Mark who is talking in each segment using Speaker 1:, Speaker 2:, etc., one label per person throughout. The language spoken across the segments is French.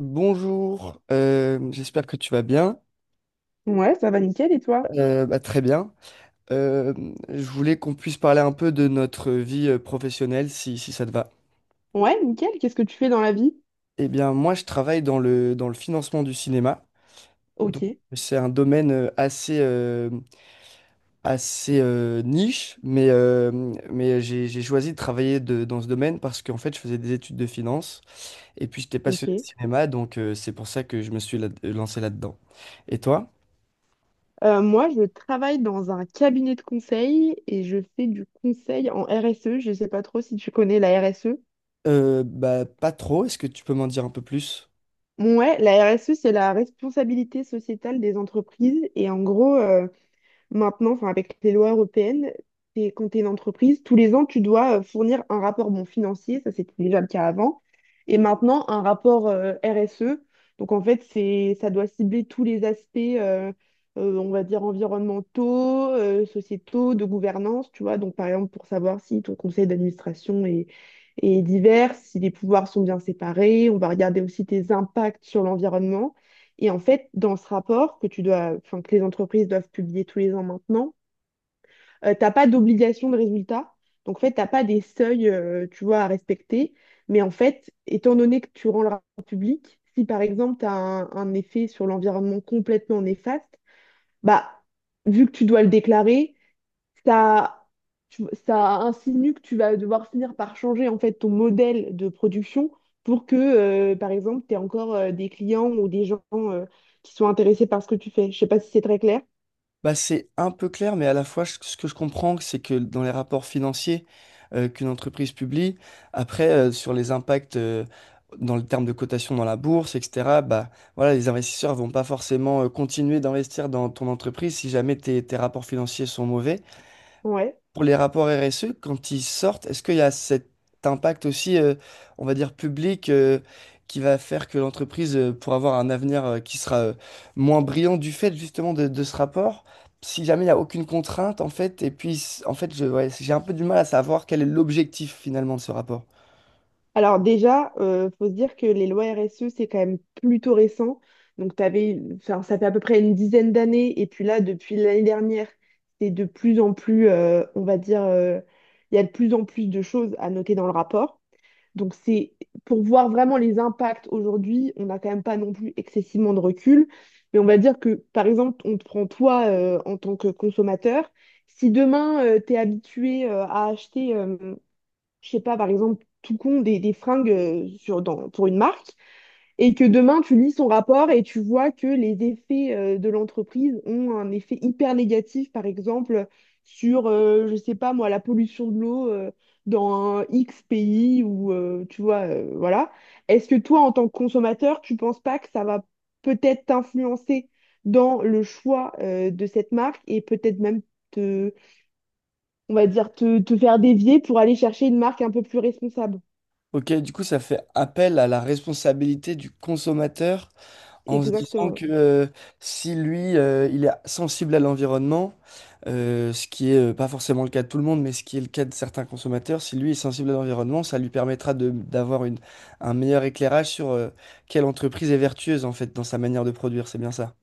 Speaker 1: Bonjour, j'espère que tu vas bien.
Speaker 2: Ouais, ça va nickel et toi?
Speaker 1: Bah, très bien. Euh, je voulais qu'on puisse parler un peu de notre vie professionnelle, si ça te va.
Speaker 2: Ouais, nickel. Qu'est-ce que tu fais dans la vie?
Speaker 1: Eh bien, moi, je travaille dans le financement du cinéma. Donc,
Speaker 2: Ok,
Speaker 1: c'est un domaine assez niche, mais j'ai choisi de travailler dans ce domaine parce qu'en fait, je faisais des études de finance et puis j'étais
Speaker 2: ok.
Speaker 1: passionné de cinéma, donc c'est pour ça que je me suis lancé là-dedans. Et toi?
Speaker 2: Moi, je travaille dans un cabinet de conseil et je fais du conseil en RSE. Je sais pas trop si tu connais la RSE.
Speaker 1: Bah, pas trop. Est-ce que tu peux m'en dire un peu plus?
Speaker 2: Ouais, la RSE, c'est la responsabilité sociétale des entreprises. Et en gros, maintenant, enfin, avec les lois européennes, quand tu es une entreprise, tous les ans, tu dois fournir un rapport bon, financier, ça c'était déjà le cas avant, et maintenant un rapport RSE. Donc en fait, ça doit cibler tous les aspects, on va dire, environnementaux, sociétaux, de gouvernance, tu vois. Donc par exemple, pour savoir si ton conseil est divers, si les pouvoirs sont bien séparés, on va regarder aussi tes impacts sur l'environnement. Et en fait, dans ce rapport que tu dois, enfin, que les entreprises doivent publier tous les ans maintenant, t'as pas d'obligation de résultat. Donc, en fait, t'as pas des seuils, tu vois, à respecter. Mais en fait, étant donné que tu rends le rapport public, si par exemple, tu as un effet sur l'environnement complètement néfaste, bah, vu que tu dois le déclarer, ça, ça insinue que tu vas devoir finir par changer en fait ton modèle de production pour que, par exemple, tu aies encore des clients ou des gens qui sont intéressés par ce que tu fais. Je sais pas si c'est très clair.
Speaker 1: Bah, c'est un peu clair, mais à la fois, ce que je comprends, c'est que dans les rapports financiers qu'une entreprise publie, après, sur les impacts dans le terme de cotation dans la bourse, etc., bah, voilà, les investisseurs vont pas forcément continuer d'investir dans ton entreprise si jamais tes rapports financiers sont mauvais.
Speaker 2: Ouais.
Speaker 1: Pour les rapports RSE, quand ils sortent, est-ce qu'il y a cet impact aussi, on va dire, public, qui va faire que l'entreprise, pour avoir un avenir, qui sera, moins brillant du fait justement de ce rapport, si jamais il n'y a aucune contrainte, en fait, et puis, en fait, ouais, j'ai un peu du mal à savoir quel est l'objectif finalement de ce rapport.
Speaker 2: Alors déjà, faut se dire que les lois RSE, c'est quand même plutôt récent. Donc t'avais, enfin, ça fait à peu près une dizaine d'années. Et puis là, depuis l'année dernière, c'est de plus en plus, on va dire, il y a de plus en plus de choses à noter dans le rapport. Donc c'est pour voir vraiment les impacts aujourd'hui, on n'a quand même pas non plus excessivement de recul. Mais on va dire que, par exemple, on te prend toi en tant que consommateur. Si demain, tu es habitué à acheter je sais pas, par exemple, tout con des fringues pour une marque, et que demain tu lis son rapport et tu vois que les effets de l'entreprise ont un effet hyper négatif, par exemple, sur, je sais pas moi, la pollution de l'eau dans un X pays ou, tu vois, voilà. Est-ce que toi, en tant que consommateur, tu penses pas que ça va peut-être t'influencer dans le choix de cette marque et peut-être même te, on va dire, te faire dévier pour aller chercher une marque un peu plus responsable?
Speaker 1: Ok, du coup, ça fait appel à la responsabilité du consommateur en se disant
Speaker 2: Exactement.
Speaker 1: que si lui, il est sensible à l'environnement, ce qui est pas forcément le cas de tout le monde, mais ce qui est le cas de certains consommateurs, si lui est sensible à l'environnement, ça lui permettra d'avoir un meilleur éclairage sur quelle entreprise est vertueuse en fait dans sa manière de produire, c'est bien ça.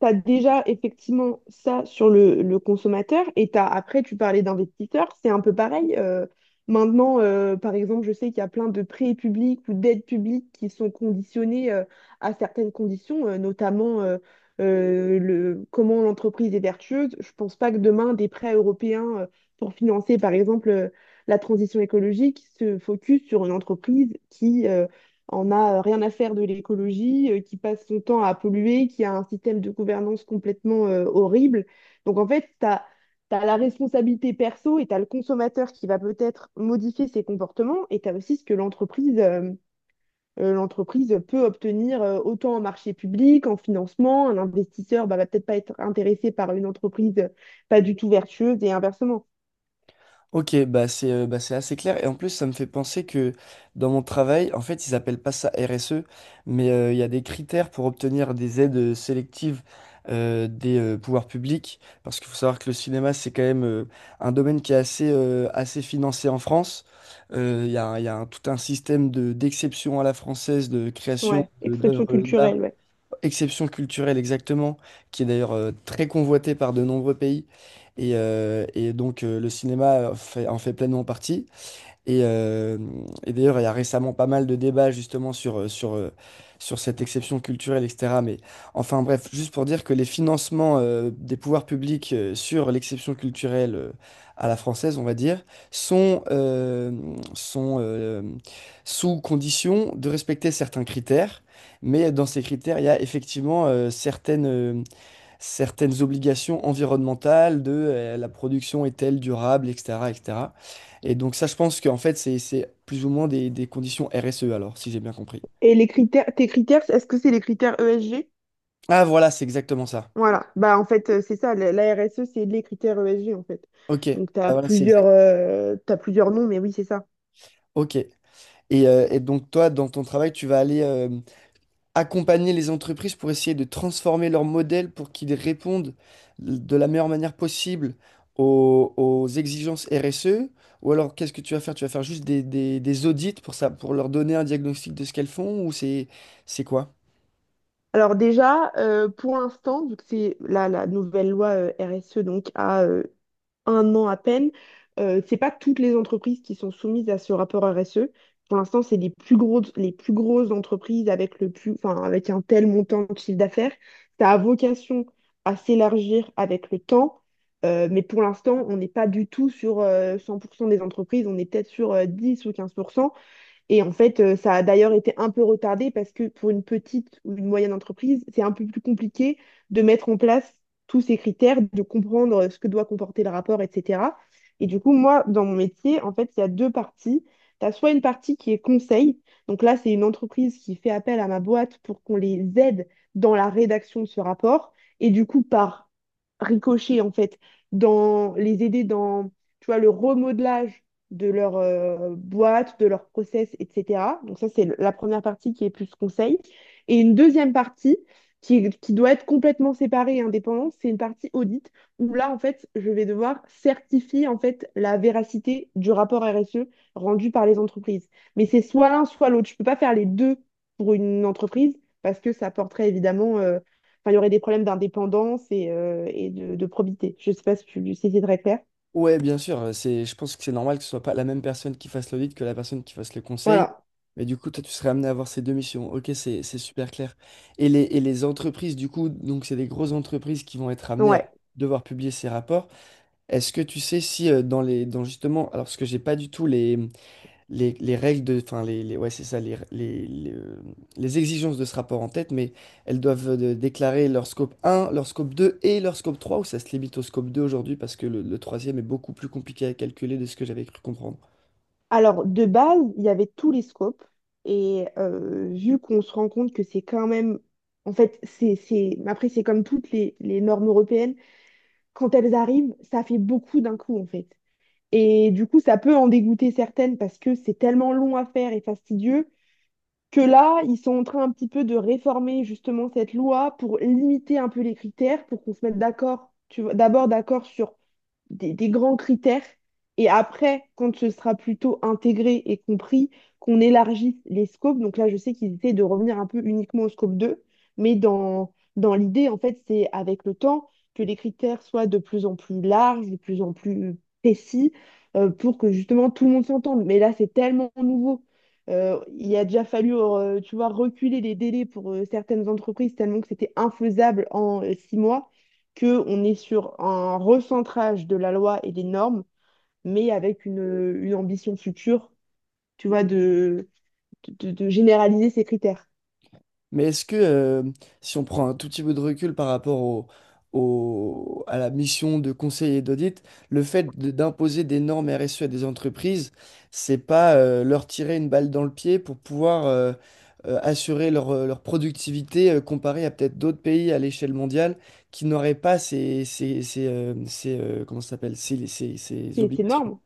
Speaker 2: Tu as déjà effectivement ça sur le consommateur et t'as, après, tu parlais d'investisseurs, c'est un peu pareil. Par exemple, je sais qu'il y a plein de prêts publics ou d'aides publiques qui sont conditionnés à certaines conditions, comment l'entreprise est vertueuse. Je pense pas que demain, des prêts européens pour financer, par exemple, la transition écologique se focus sur une entreprise qui on a rien à faire de l'écologie, qui passe son temps à polluer, qui a un système de gouvernance complètement horrible. Donc en fait, tu as la responsabilité perso et tu as le consommateur qui va peut-être modifier ses comportements et tu as aussi ce que l'entreprise peut obtenir autant en marché public, en financement. Un investisseur bah, va peut-être pas être intéressé par une entreprise pas du tout vertueuse et inversement.
Speaker 1: Ok, bah c'est assez clair. Et en plus, ça me fait penser que dans mon travail, en fait, ils appellent pas ça RSE, mais il y a des critères pour obtenir des aides sélectives des pouvoirs publics. Parce qu'il faut savoir que le cinéma, c'est quand même un domaine qui est assez financé en France. Il y a, un- il y a un- Tout un système d'exception à la française, de création
Speaker 2: Ouais, expression
Speaker 1: d'œuvres d'art.
Speaker 2: culturelle, ouais.
Speaker 1: Exception culturelle, exactement, qui est d'ailleurs très convoitée par de nombreux pays. Et donc le cinéma en fait pleinement partie. Et, euh, et d'ailleurs, il y a récemment pas mal de débats justement sur cette exception culturelle, etc. Mais enfin bref, juste pour dire que les financements des pouvoirs publics sur l'exception culturelle à la française, on va dire, sont, euh, sont sous condition de respecter certains critères. Mais dans ces critères, il y a effectivement certaines obligations environnementales de la production est-elle durable, etc., etc. Et cetera. Et donc ça, je pense qu'en fait, c'est plus ou moins des conditions RSE, alors, si j'ai bien compris.
Speaker 2: Et les critères, tes critères, est-ce que c'est les critères ESG?
Speaker 1: Ah voilà, c'est exactement ça.
Speaker 2: Voilà, bah en fait, c'est ça, la RSE, c'est les critères ESG en fait.
Speaker 1: Ok.
Speaker 2: Donc tu
Speaker 1: Ah,
Speaker 2: as
Speaker 1: voilà, c'est
Speaker 2: plusieurs,
Speaker 1: exact.
Speaker 2: t'as plusieurs noms, mais oui, c'est ça.
Speaker 1: Ok. Et donc toi, dans ton travail, tu vas aller, accompagner les entreprises pour essayer de transformer leur modèle pour qu'ils répondent de la meilleure manière possible aux exigences RSE? Ou alors, qu'est-ce que tu vas faire? Tu vas faire juste des audits pour ça, pour leur donner un diagnostic de ce qu'elles font ou c'est quoi?
Speaker 2: Alors déjà, pour l'instant, vu que c'est la nouvelle loi RSE, donc à un an à peine. C'est pas toutes les entreprises qui sont soumises à ce rapport RSE. Pour l'instant, c'est les plus grosses entreprises avec le plus, enfin, avec un tel montant de chiffre d'affaires. Ça a vocation à s'élargir avec le temps. Mais pour l'instant, on n'est pas du tout sur 100% des entreprises, on est peut-être sur 10 ou 15%. Et en fait, ça a d'ailleurs été un peu retardé parce que pour une petite ou une moyenne entreprise, c'est un peu plus compliqué de mettre en place tous ces critères, de comprendre ce que doit comporter le rapport, etc. Et du coup, moi, dans mon métier, en fait, il y a deux parties. Tu as soit une partie qui est conseil. Donc là, c'est une entreprise qui fait appel à ma boîte pour qu'on les aide dans la rédaction de ce rapport. Et du coup, par ricochet, en fait, dans les aider dans, tu vois, le remodelage de leur boîte, de leur process, etc. Donc ça, c'est la première partie qui est plus conseil. Et une deuxième partie qui doit être complètement séparée et indépendante, c'est une partie audit où là, en fait, je vais devoir certifier en fait la véracité du rapport RSE rendu par les entreprises. Mais c'est soit l'un, soit l'autre. Je ne peux pas faire les deux pour une entreprise parce que ça porterait évidemment enfin, il y aurait des problèmes d'indépendance et, de probité. Je ne sais pas si c'est très clair.
Speaker 1: Ouais, bien sûr, je pense que c'est normal que ce soit pas la même personne qui fasse l'audit que la personne qui fasse le conseil.
Speaker 2: Voilà.
Speaker 1: Mais du coup, toi, tu serais amené à avoir ces deux missions. Ok, c'est super clair. Et les entreprises, du coup, donc c'est des grosses entreprises qui vont être amenées à
Speaker 2: Ouais.
Speaker 1: devoir publier ces rapports. Est-ce que tu sais si dans justement alors parce que j'ai pas du tout les les règles de enfin les- ouais, c'est ça, les exigences de ce rapport en tête mais elles doivent déclarer leur scope 1 leur scope 2 et leur scope 3 ou ça se limite au scope 2 aujourd'hui parce que le troisième est beaucoup plus compliqué à calculer de ce que j'avais cru comprendre.
Speaker 2: Alors, de base, il y avait tous les scopes. Et vu qu'on se rend compte que c'est quand même, en fait, c'est, après, c'est comme toutes les normes européennes. Quand elles arrivent, ça fait beaucoup d'un coup, en fait. Et du coup, ça peut en dégoûter certaines parce que c'est tellement long à faire et fastidieux que là, ils sont en train un petit peu de réformer justement cette loi pour limiter un peu les critères, pour qu'on se mette d'accord, tu vois, d'abord d'accord sur des grands critères. Et après, quand ce sera plutôt intégré et compris, qu'on élargisse les scopes. Donc là, je sais qu'ils essaient de revenir un peu uniquement au scope 2 mais dans l'idée, en fait, c'est avec le temps que les critères soient de plus en plus larges, de plus en plus précis, pour que justement tout le monde s'entende. Mais là, c'est tellement nouveau. Il a déjà fallu, tu vois, reculer les délais pour certaines entreprises tellement que c'était infaisable en 6 mois qu'on est sur un recentrage de la loi et des normes, mais avec une ambition future, tu vois, de généraliser ces critères.
Speaker 1: Mais est-ce que, si on prend un tout petit peu de recul par rapport à la mission de conseiller d'audit, le fait d'imposer des normes RSE à des entreprises, c'est pas leur tirer une balle dans le pied pour pouvoir assurer leur productivité comparée à peut-être d'autres pays à l'échelle mondiale qui n'auraient pas comment ça s'appelle, ces
Speaker 2: C'est
Speaker 1: obligations?
Speaker 2: énorme.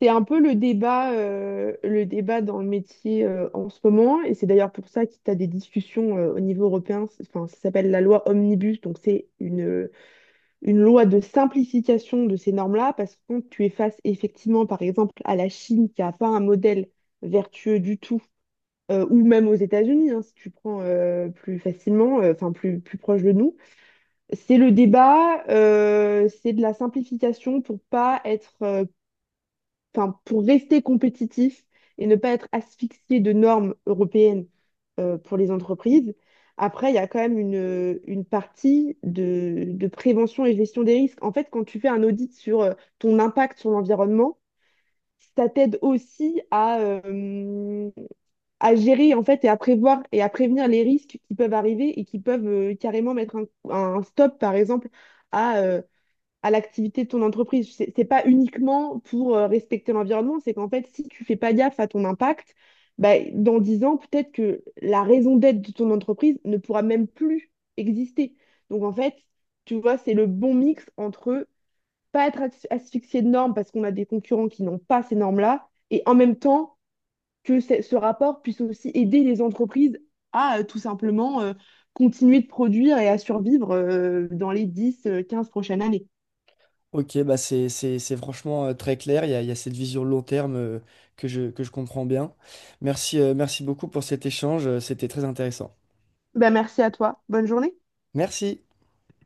Speaker 2: C'est un peu le débat dans le métier en ce moment, et c'est d'ailleurs pour ça que tu as des discussions au niveau européen. Enfin, ça s'appelle la loi Omnibus, donc c'est une loi de simplification de ces normes-là, parce que quand tu es face effectivement, par exemple, à la Chine qui n'a pas un modèle vertueux du tout, ou même aux États-Unis, hein, si tu prends enfin plus proche de nous, c'est le débat, c'est de la simplification pour pas être enfin, pour rester compétitif et ne pas être asphyxié de normes européennes pour les entreprises. Après, il y a quand même une partie de prévention et gestion des risques. En fait, quand tu fais un audit sur ton impact sur l'environnement, ça t'aide aussi à gérer en fait et à prévoir et à prévenir les risques qui peuvent arriver et qui peuvent carrément mettre un stop, par exemple, à euh, à l'activité de ton entreprise. C'est pas uniquement pour respecter l'environnement, c'est qu'en fait, si tu fais pas gaffe à ton impact, bah, dans 10 ans, peut-être que la raison d'être de ton entreprise ne pourra même plus exister. Donc en fait, tu vois, c'est le bon mix entre pas être asphyxié de normes parce qu'on a des concurrents qui n'ont pas ces normes-là, et en même temps que ce rapport puisse aussi aider les entreprises à tout simplement continuer de produire et à survivre dans les 10, 15 prochaines années.
Speaker 1: Ok, bah c'est franchement très clair. Il y a cette vision long terme que je comprends bien. Merci beaucoup pour cet échange. C'était très intéressant.
Speaker 2: Ben, merci à toi. Bonne journée.
Speaker 1: Merci.